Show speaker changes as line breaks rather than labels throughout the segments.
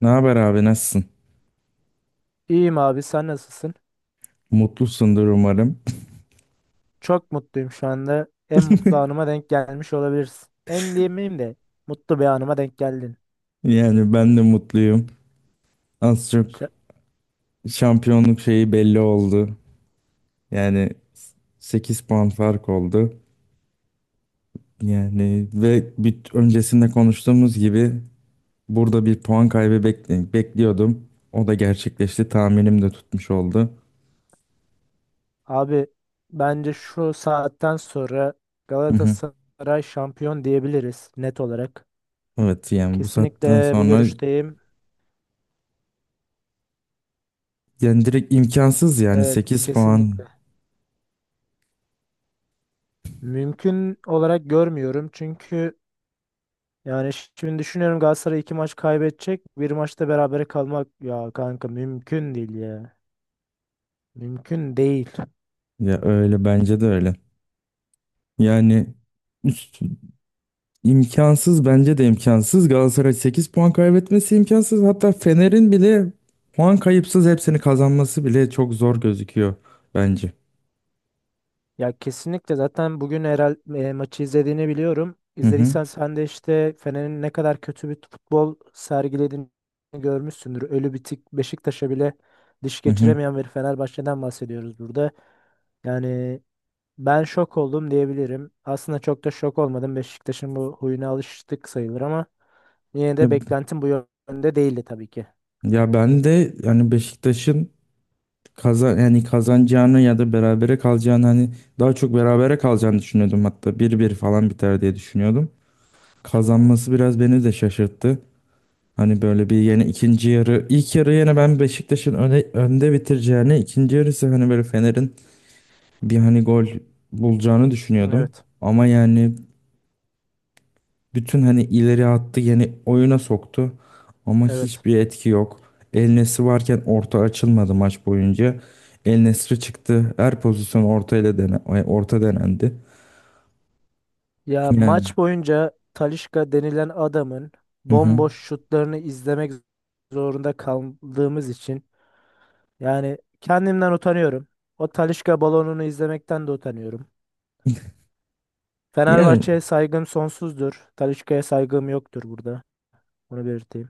Ne haber abi nasılsın?
İyiyim abi sen nasılsın?
Mutlusundur umarım.
Çok mutluyum şu anda. En mutlu anıma denk gelmiş olabilirsin. En diyemeyeyim de mutlu bir anıma denk geldin.
Yani ben de mutluyum. Az çok
Ş-
şampiyonluk şeyi belli oldu. Yani 8 puan fark oldu. Yani ve bir öncesinde konuştuğumuz gibi burada bir puan kaybı bekliyordum. O da gerçekleşti. Tahminim de tutmuş oldu.
abi bence şu saatten sonra
Hı hı.
Galatasaray şampiyon diyebiliriz net olarak.
Evet yani bu saatten
Kesinlikle bu
sonra
görüşteyim.
yani direkt imkansız yani
Evet
8 puan.
kesinlikle. Mümkün olarak görmüyorum çünkü yani şimdi düşünüyorum Galatasaray iki maç kaybedecek. Bir maçta berabere kalmak ya kanka mümkün değil ya. Mümkün değil.
Ya öyle, bence de öyle. Yani üst- İmkansız bence de imkansız. Galatasaray 8 puan kaybetmesi imkansız. Hatta Fener'in bile puan kayıpsız hepsini kazanması bile çok zor gözüküyor bence.
Ya kesinlikle zaten bugün maçı izlediğini biliyorum.
Hı hı,
İzlediysen sen de işte Fener'in ne kadar kötü bir futbol sergilediğini görmüşsündür. Ölü bitik Beşiktaş'a bile diş
hı hı.
geçiremeyen bir Fenerbahçe'den bahsediyoruz burada. Yani ben şok oldum diyebilirim. Aslında çok da şok olmadım. Beşiktaş'ın bu huyuna alıştık sayılır ama yine
Ya,
de beklentim bu yönde değildi tabii ki.
ya ben de yani Beşiktaş'ın yani kazanacağını ya da berabere kalacağını, hani daha çok berabere kalacağını düşünüyordum, hatta 1-1 falan biter diye düşünüyordum. Kazanması biraz beni de şaşırttı. Hani böyle bir yeni ikinci yarı ilk yarı yine ben Beşiktaş'ın önde bitireceğini, ikinci yarısı hani böyle Fener'in bir hani gol bulacağını düşünüyordum.
Evet.
Ama yani bütün hani ileri attı, yani oyuna soktu. Ama
Evet.
hiçbir etki yok. El Nesri varken orta açılmadı maç boyunca. El Nesri çıktı. Her pozisyon orta ile orta denendi.
Ya
Yani.
maç boyunca Talisca denilen adamın
Hı hı.
bomboş şutlarını izlemek zorunda kaldığımız için yani kendimden utanıyorum. O Talisca balonunu izlemekten de utanıyorum.
Yani
Fenerbahçe'ye saygım sonsuzdur. Talisca'ya saygım yoktur burada. Bunu belirteyim.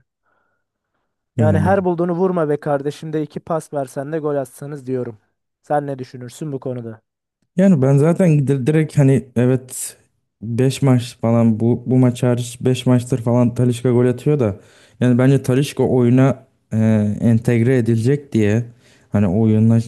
Yani
yani
her bulduğunu vurma be kardeşim de iki pas versen de gol atsanız diyorum. Sen ne düşünürsün bu konuda?
Yani ben zaten direkt hani evet, 5 maç falan, bu maç hariç 5 maçtır falan Talisca gol atıyor da, yani bence Talisca oyuna e, entegre edilecek diye, hani oyunla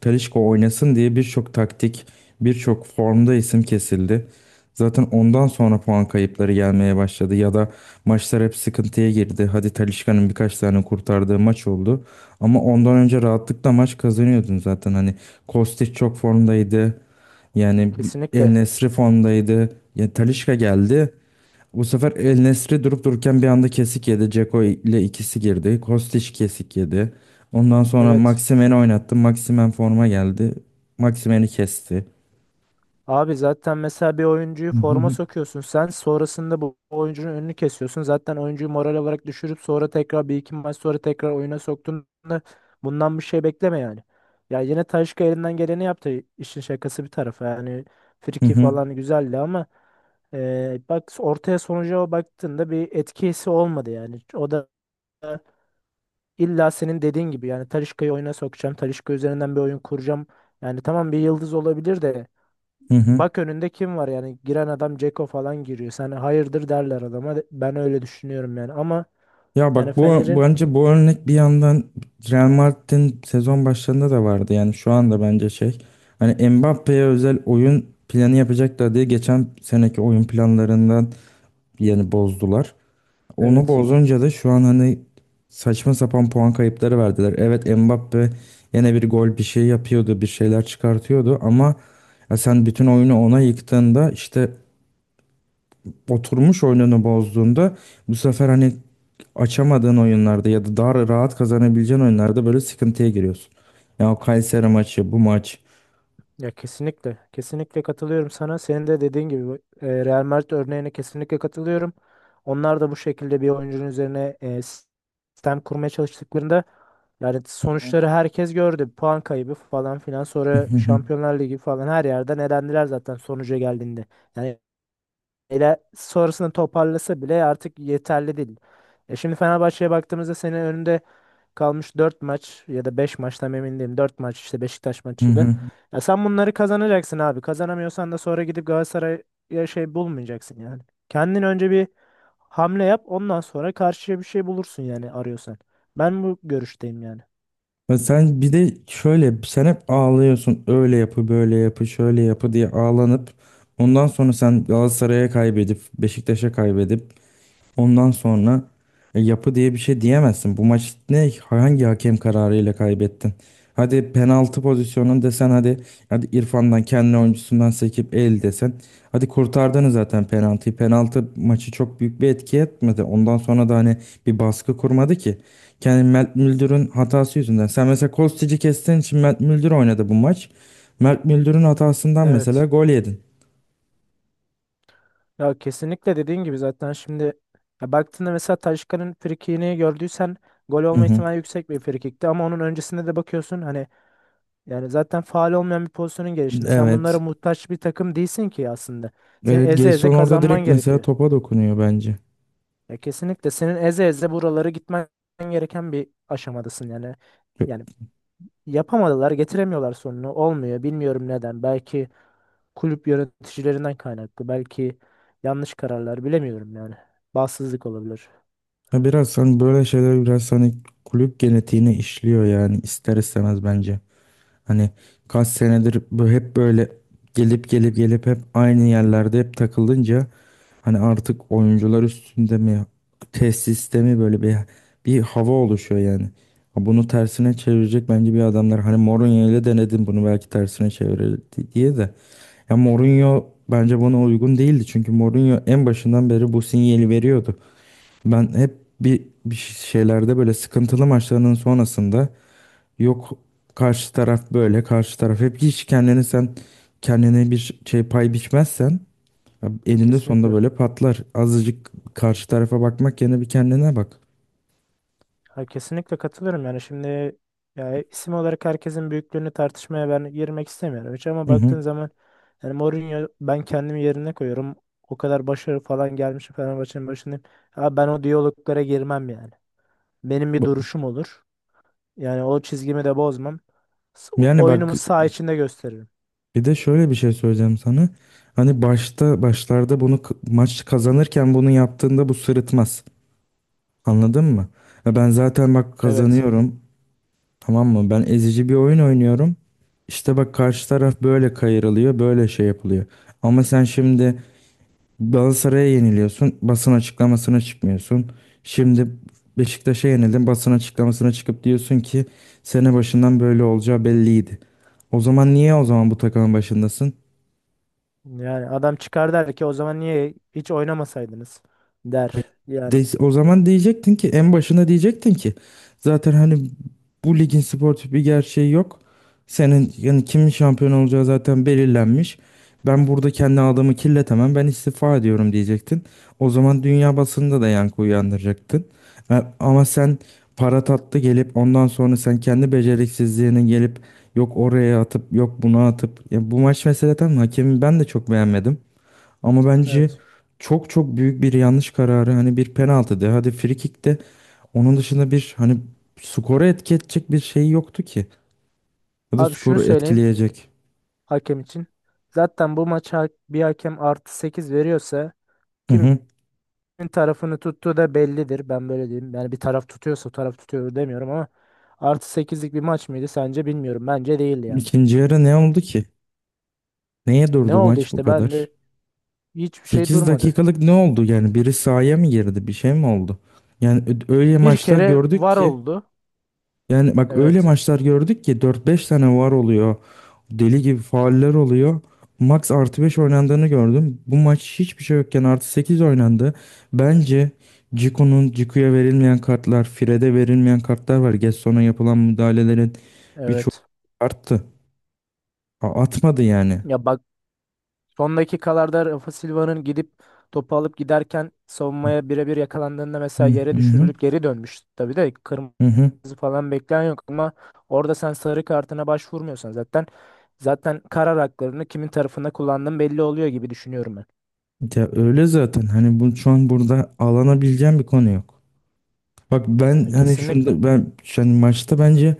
Talisca oynasın diye birçok taktik, birçok formda isim kesildi. Zaten ondan sonra puan kayıpları gelmeye başladı ya da maçlar hep sıkıntıya girdi. Hadi Talisca'nın birkaç tane kurtardığı maç oldu. Ama ondan önce rahatlıkla maç kazanıyordun zaten. Hani Kostic çok formdaydı. Yani El
Kesinlikle.
Nesri formdaydı. Ya Talisca geldi. Bu sefer El Nesri durup dururken bir anda kesik yedi. Dzeko ile ikisi girdi. Kostić kesik yedi. Ondan sonra
Evet.
Maximen'i oynattı. Maximen forma geldi. Maximen'i kesti.
Abi zaten mesela bir oyuncuyu
Hı
forma
hı.
sokuyorsun sen sonrasında bu oyuncunun önünü kesiyorsun. Zaten oyuncuyu moral olarak düşürüp sonra tekrar bir iki maç sonra tekrar oyuna soktuğunda bundan bir şey bekleme yani. Ya yine Talisca elinden geleni yaptı işin şakası bir tarafa yani
Hı
friki
hı.
falan güzeldi ama bak ortaya sonuca baktığında bir etkisi olmadı yani. O da illa senin dediğin gibi yani Talisca'yı oyuna sokacağım Talisca üzerinden bir oyun kuracağım. Yani tamam bir yıldız olabilir de
Hı hı.
bak önünde kim var yani giren adam Ceko falan giriyor. Sen hayırdır derler adama. Ben öyle düşünüyorum yani ama
Ya
yani
bak, bu
Fener'in
bence bu örnek bir yandan Real Madrid'in sezon başlarında da vardı. Yani şu anda bence şey, hani Mbappe'ye özel oyun planı yapacaklar diye geçen seneki oyun planlarından yani bozdular. Onu
evet
bozunca da şu an hani saçma sapan puan kayıpları verdiler. Evet, Mbappe yine bir gol bir şey yapıyordu, bir şeyler çıkartıyordu ama ya sen bütün oyunu ona yıktığında, işte oturmuş oyununu bozduğunda, bu sefer hani açamadığın oyunlarda ya da daha rahat kazanabileceğin oyunlarda böyle sıkıntıya giriyorsun. Ya o Kayseri maçı, bu maç.
ya kesinlikle kesinlikle katılıyorum sana. Senin de dediğin gibi bu, Real Madrid örneğine kesinlikle katılıyorum. Onlar da bu şekilde bir oyuncunun üzerine sistem kurmaya çalıştıklarında yani sonuçları herkes gördü. Puan kaybı falan filan sonra Şampiyonlar Ligi falan her yerden elendiler zaten sonuca geldiğinde. Yani ile sonrasını toparlasa bile artık yeterli değil. E şimdi Fenerbahçe'ye baktığımızda senin önünde kalmış 4 maç ya da 5 maç tam emin değilim. 4 maç işte Beşiktaş maçıyla. Ya sen bunları kazanacaksın abi. Kazanamıyorsan da sonra gidip Galatasaray'a şey bulmayacaksın yani. Kendin önce bir hamle yap ondan sonra karşıya bir şey bulursun yani arıyorsan. Ben bu görüşteyim yani.
Ya sen bir de şöyle, sen hep ağlıyorsun. Öyle yapı, böyle yapı, şöyle yapı diye ağlanıp ondan sonra sen Galatasaray'a kaybedip Beşiktaş'a kaybedip ondan sonra yapı diye bir şey diyemezsin. Bu maç ne hangi hakem kararıyla kaybettin? Hadi penaltı pozisyonun desen, hadi İrfan'dan kendi oyuncusundan sekip el desen. Hadi kurtardınız zaten penaltıyı. Penaltı maçı çok büyük bir etki etmedi. Ondan sonra da hani bir baskı kurmadı ki. Kendi Mert Müldür'ün hatası yüzünden. Sen mesela Kostic'i kestiğin için Mert Müldür oynadı bu maç. Mert Müldür'ün hatasından mesela
Evet.
gol yedin.
Ya kesinlikle dediğin gibi zaten şimdi ya baktığında mesela Taşkan'ın frikini gördüysen gol
Hı
olma
hı.
ihtimali yüksek bir frikikti ama onun öncesinde de bakıyorsun hani yani zaten faal olmayan bir pozisyonun gelişinde sen bunlara
Evet.
muhtaç bir takım değilsin ki aslında. Senin
Evet,
eze eze
Gelson orada
kazanman
direkt mesela
gerekiyor.
topa dokunuyor bence.
Ya kesinlikle senin eze eze buraları gitmen gereken bir aşamadasın yani. Yani yapamadılar, getiremiyorlar sonunu. Olmuyor. Bilmiyorum neden. Belki kulüp yöneticilerinden kaynaklı. Belki yanlış kararlar bilemiyorum yani. Bağımsızlık olabilir.
Ya biraz hani böyle şeyler biraz hani kulüp genetiğine işliyor yani ister istemez bence. Hani kaç senedir bu hep böyle gelip gelip gelip hep aynı yerlerde hep takılınca hani artık oyuncular üstünde mi, tesiste mi, böyle bir hava oluşuyor yani. Ha, bunu tersine çevirecek bence bir adamlar. Hani Mourinho ile denedim bunu, belki tersine çevirir diye de. Ya Mourinho bence buna uygun değildi. Çünkü Mourinho en başından beri bu sinyali veriyordu. Ben hep bir şeylerde, böyle sıkıntılı maçlarının sonrasında, yok karşı taraf böyle, karşı taraf, hep hiç kendini, sen kendine bir şey pay biçmezsen ya eninde sonunda
Kesinlikle.
böyle patlar. Azıcık karşı tarafa bakmak yerine bir kendine bak.
Ha, kesinlikle katılıyorum yani şimdi ya isim olarak herkesin büyüklüğünü tartışmaya ben girmek istemiyorum hiç ama
Hı hı.
baktığın zaman yani Mourinho ben kendimi yerine koyuyorum. O kadar başarı falan gelmiş Fenerbahçe'nin başındayım. Ha, ben o diyaloglara girmem yani. Benim bir
Bu-
duruşum olur. Yani o çizgimi de bozmam. S-
Yani bak,
Oyunumu saha içinde gösteririm.
bir de şöyle bir şey söyleyeceğim sana. Hani başlarda bunu maç kazanırken bunu yaptığında bu sırıtmaz. Anladın mı? Ya ben zaten bak
Evet.
kazanıyorum. Tamam mı? Ben ezici bir oyun oynuyorum. İşte bak karşı taraf böyle kayırılıyor, böyle şey yapılıyor. Ama sen şimdi Galatasaray'a yeniliyorsun, basın açıklamasına çıkmıyorsun. Şimdi Beşiktaş'a yenildin, basın açıklamasına çıkıp diyorsun ki sene başından böyle olacağı belliydi. O zaman niye, o zaman bu takımın başındasın?
Yani adam çıkar der ki o zaman niye hiç oynamasaydınız
Hayır.
der. Yani
De, o zaman diyecektin ki, en başına diyecektin ki, zaten hani bu ligin sportif bir gerçeği yok. Senin yani kimin şampiyon olacağı zaten belirlenmiş. Ben burada kendi adamı kirletemem. Ben istifa ediyorum diyecektin. O zaman dünya basında da yankı uyandıracaktın. Ama sen para tatlı gelip ondan sonra sen kendi beceriksizliğini gelip yok oraya atıp, yok buna atıp. Ya bu maç meseleden hakemin ben de çok beğenmedim. Ama bence
evet.
çok çok büyük bir yanlış kararı, hani bir penaltı de, hadi free kick de, onun dışında bir hani skoru etki edecek bir şey yoktu ki. Ya da
Abi şunu
skoru
söyleyeyim
etkileyecek.
hakem için. Zaten bu maça bir hakem artı 8 veriyorsa
Hı
kimin
hı.
tarafını tuttuğu da bellidir. Ben böyle diyeyim. Yani bir taraf tutuyorsa o taraf tutuyor demiyorum ama artı sekizlik bir maç mıydı sence bilmiyorum. Bence değildi yani.
İkinci yarı ne oldu ki? Neye
Ne
durdu
oldu
maç bu
işte ben
kadar?
de hiçbir şey
sekiz
durmadı.
dakikalık ne oldu yani? Biri sahaya mı girdi? Bir şey mi oldu? Yani öyle
Bir
maçlar
kere
gördük
var
ki.
oldu.
Yani bak öyle
Evet.
maçlar gördük ki dört beş tane var oluyor. Deli gibi fauller oluyor. Max +5 oynandığını gördüm. Bu maç hiçbir şey yokken +8 oynandı. Bence Cicu'ya verilmeyen kartlar, Fred'e verilmeyen kartlar var. Gesson'a yapılan müdahalelerin birçoğu
Evet.
arttı. Atmadı yani.
Ya bak son dakikalarda Rafa Silva'nın gidip topu alıp giderken savunmaya birebir yakalandığında
Hı
mesela yere
hı
düşürülüp geri dönmüş. Tabii de
hı.
kırmızı
Hı.
falan bekleyen yok ama orada sen sarı kartına başvurmuyorsan zaten karar haklarını kimin tarafında kullandığın belli oluyor gibi düşünüyorum ben.
Ya öyle zaten. Hani bu şu an burada alanabileceğim bir konu yok. Bak ben
Ya
hani
kesinlikle.
şunda, ben yani maçta bence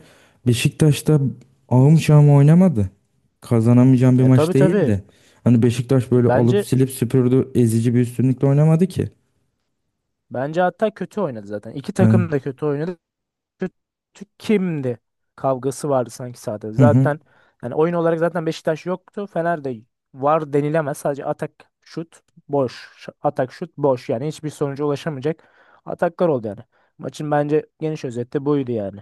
Beşiktaş'ta ahım şahım oynamadı. Kazanamayacağım bir
E
maç
tabii tabii.
değildi. Hani Beşiktaş böyle alıp
Bence
silip süpürdü, ezici bir üstünlükle oynamadı ki.
bence hatta kötü oynadı zaten. İki takım
Ben
da kötü oynadı. Kötü kimdi kavgası vardı sanki sahada.
hı hı.
Zaten yani oyun olarak zaten Beşiktaş yoktu. Fener de var denilemez. Sadece atak şut boş. Atak şut boş. Yani hiçbir sonuca ulaşamayacak ataklar oldu yani. Maçın bence geniş özeti buydu yani.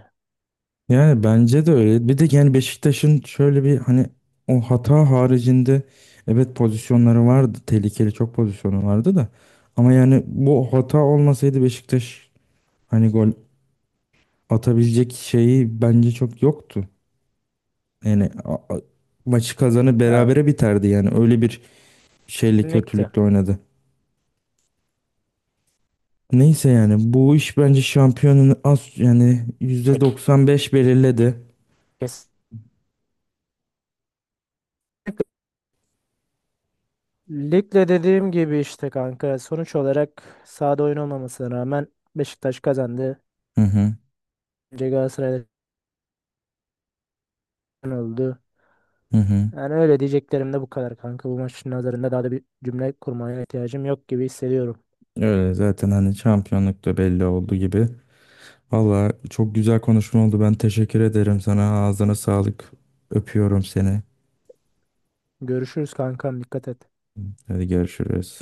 Yani bence de öyle. Bir de yani Beşiktaş'ın şöyle bir hani, o hata haricinde evet pozisyonları vardı. Tehlikeli çok pozisyonu vardı da. Ama yani bu hata olmasaydı Beşiktaş hani gol atabilecek şeyi bence çok yoktu. Yani maçı
Yani
berabere biterdi yani. Öyle bir şeyle
kesinlikle.
kötülükle oynadı. Neyse yani bu iş bence şampiyonun az yani %95 belirledi.
Kesinlikle. Ligde dediğim gibi işte kanka sonuç olarak sahada oyun olmamasına rağmen Beşiktaş kazandı.
Hı hı,
Önce Galatasaray'da oldu.
hı hı.
Yani öyle diyeceklerim de bu kadar kanka. Bu maçın nazarında daha da bir cümle kurmaya ihtiyacım yok gibi hissediyorum.
Öyle zaten, hani şampiyonluk da belli oldu gibi. Valla çok güzel konuşma oldu. Ben teşekkür ederim sana. Ağzına sağlık. Öpüyorum seni.
Görüşürüz kankam dikkat et.
Hadi görüşürüz.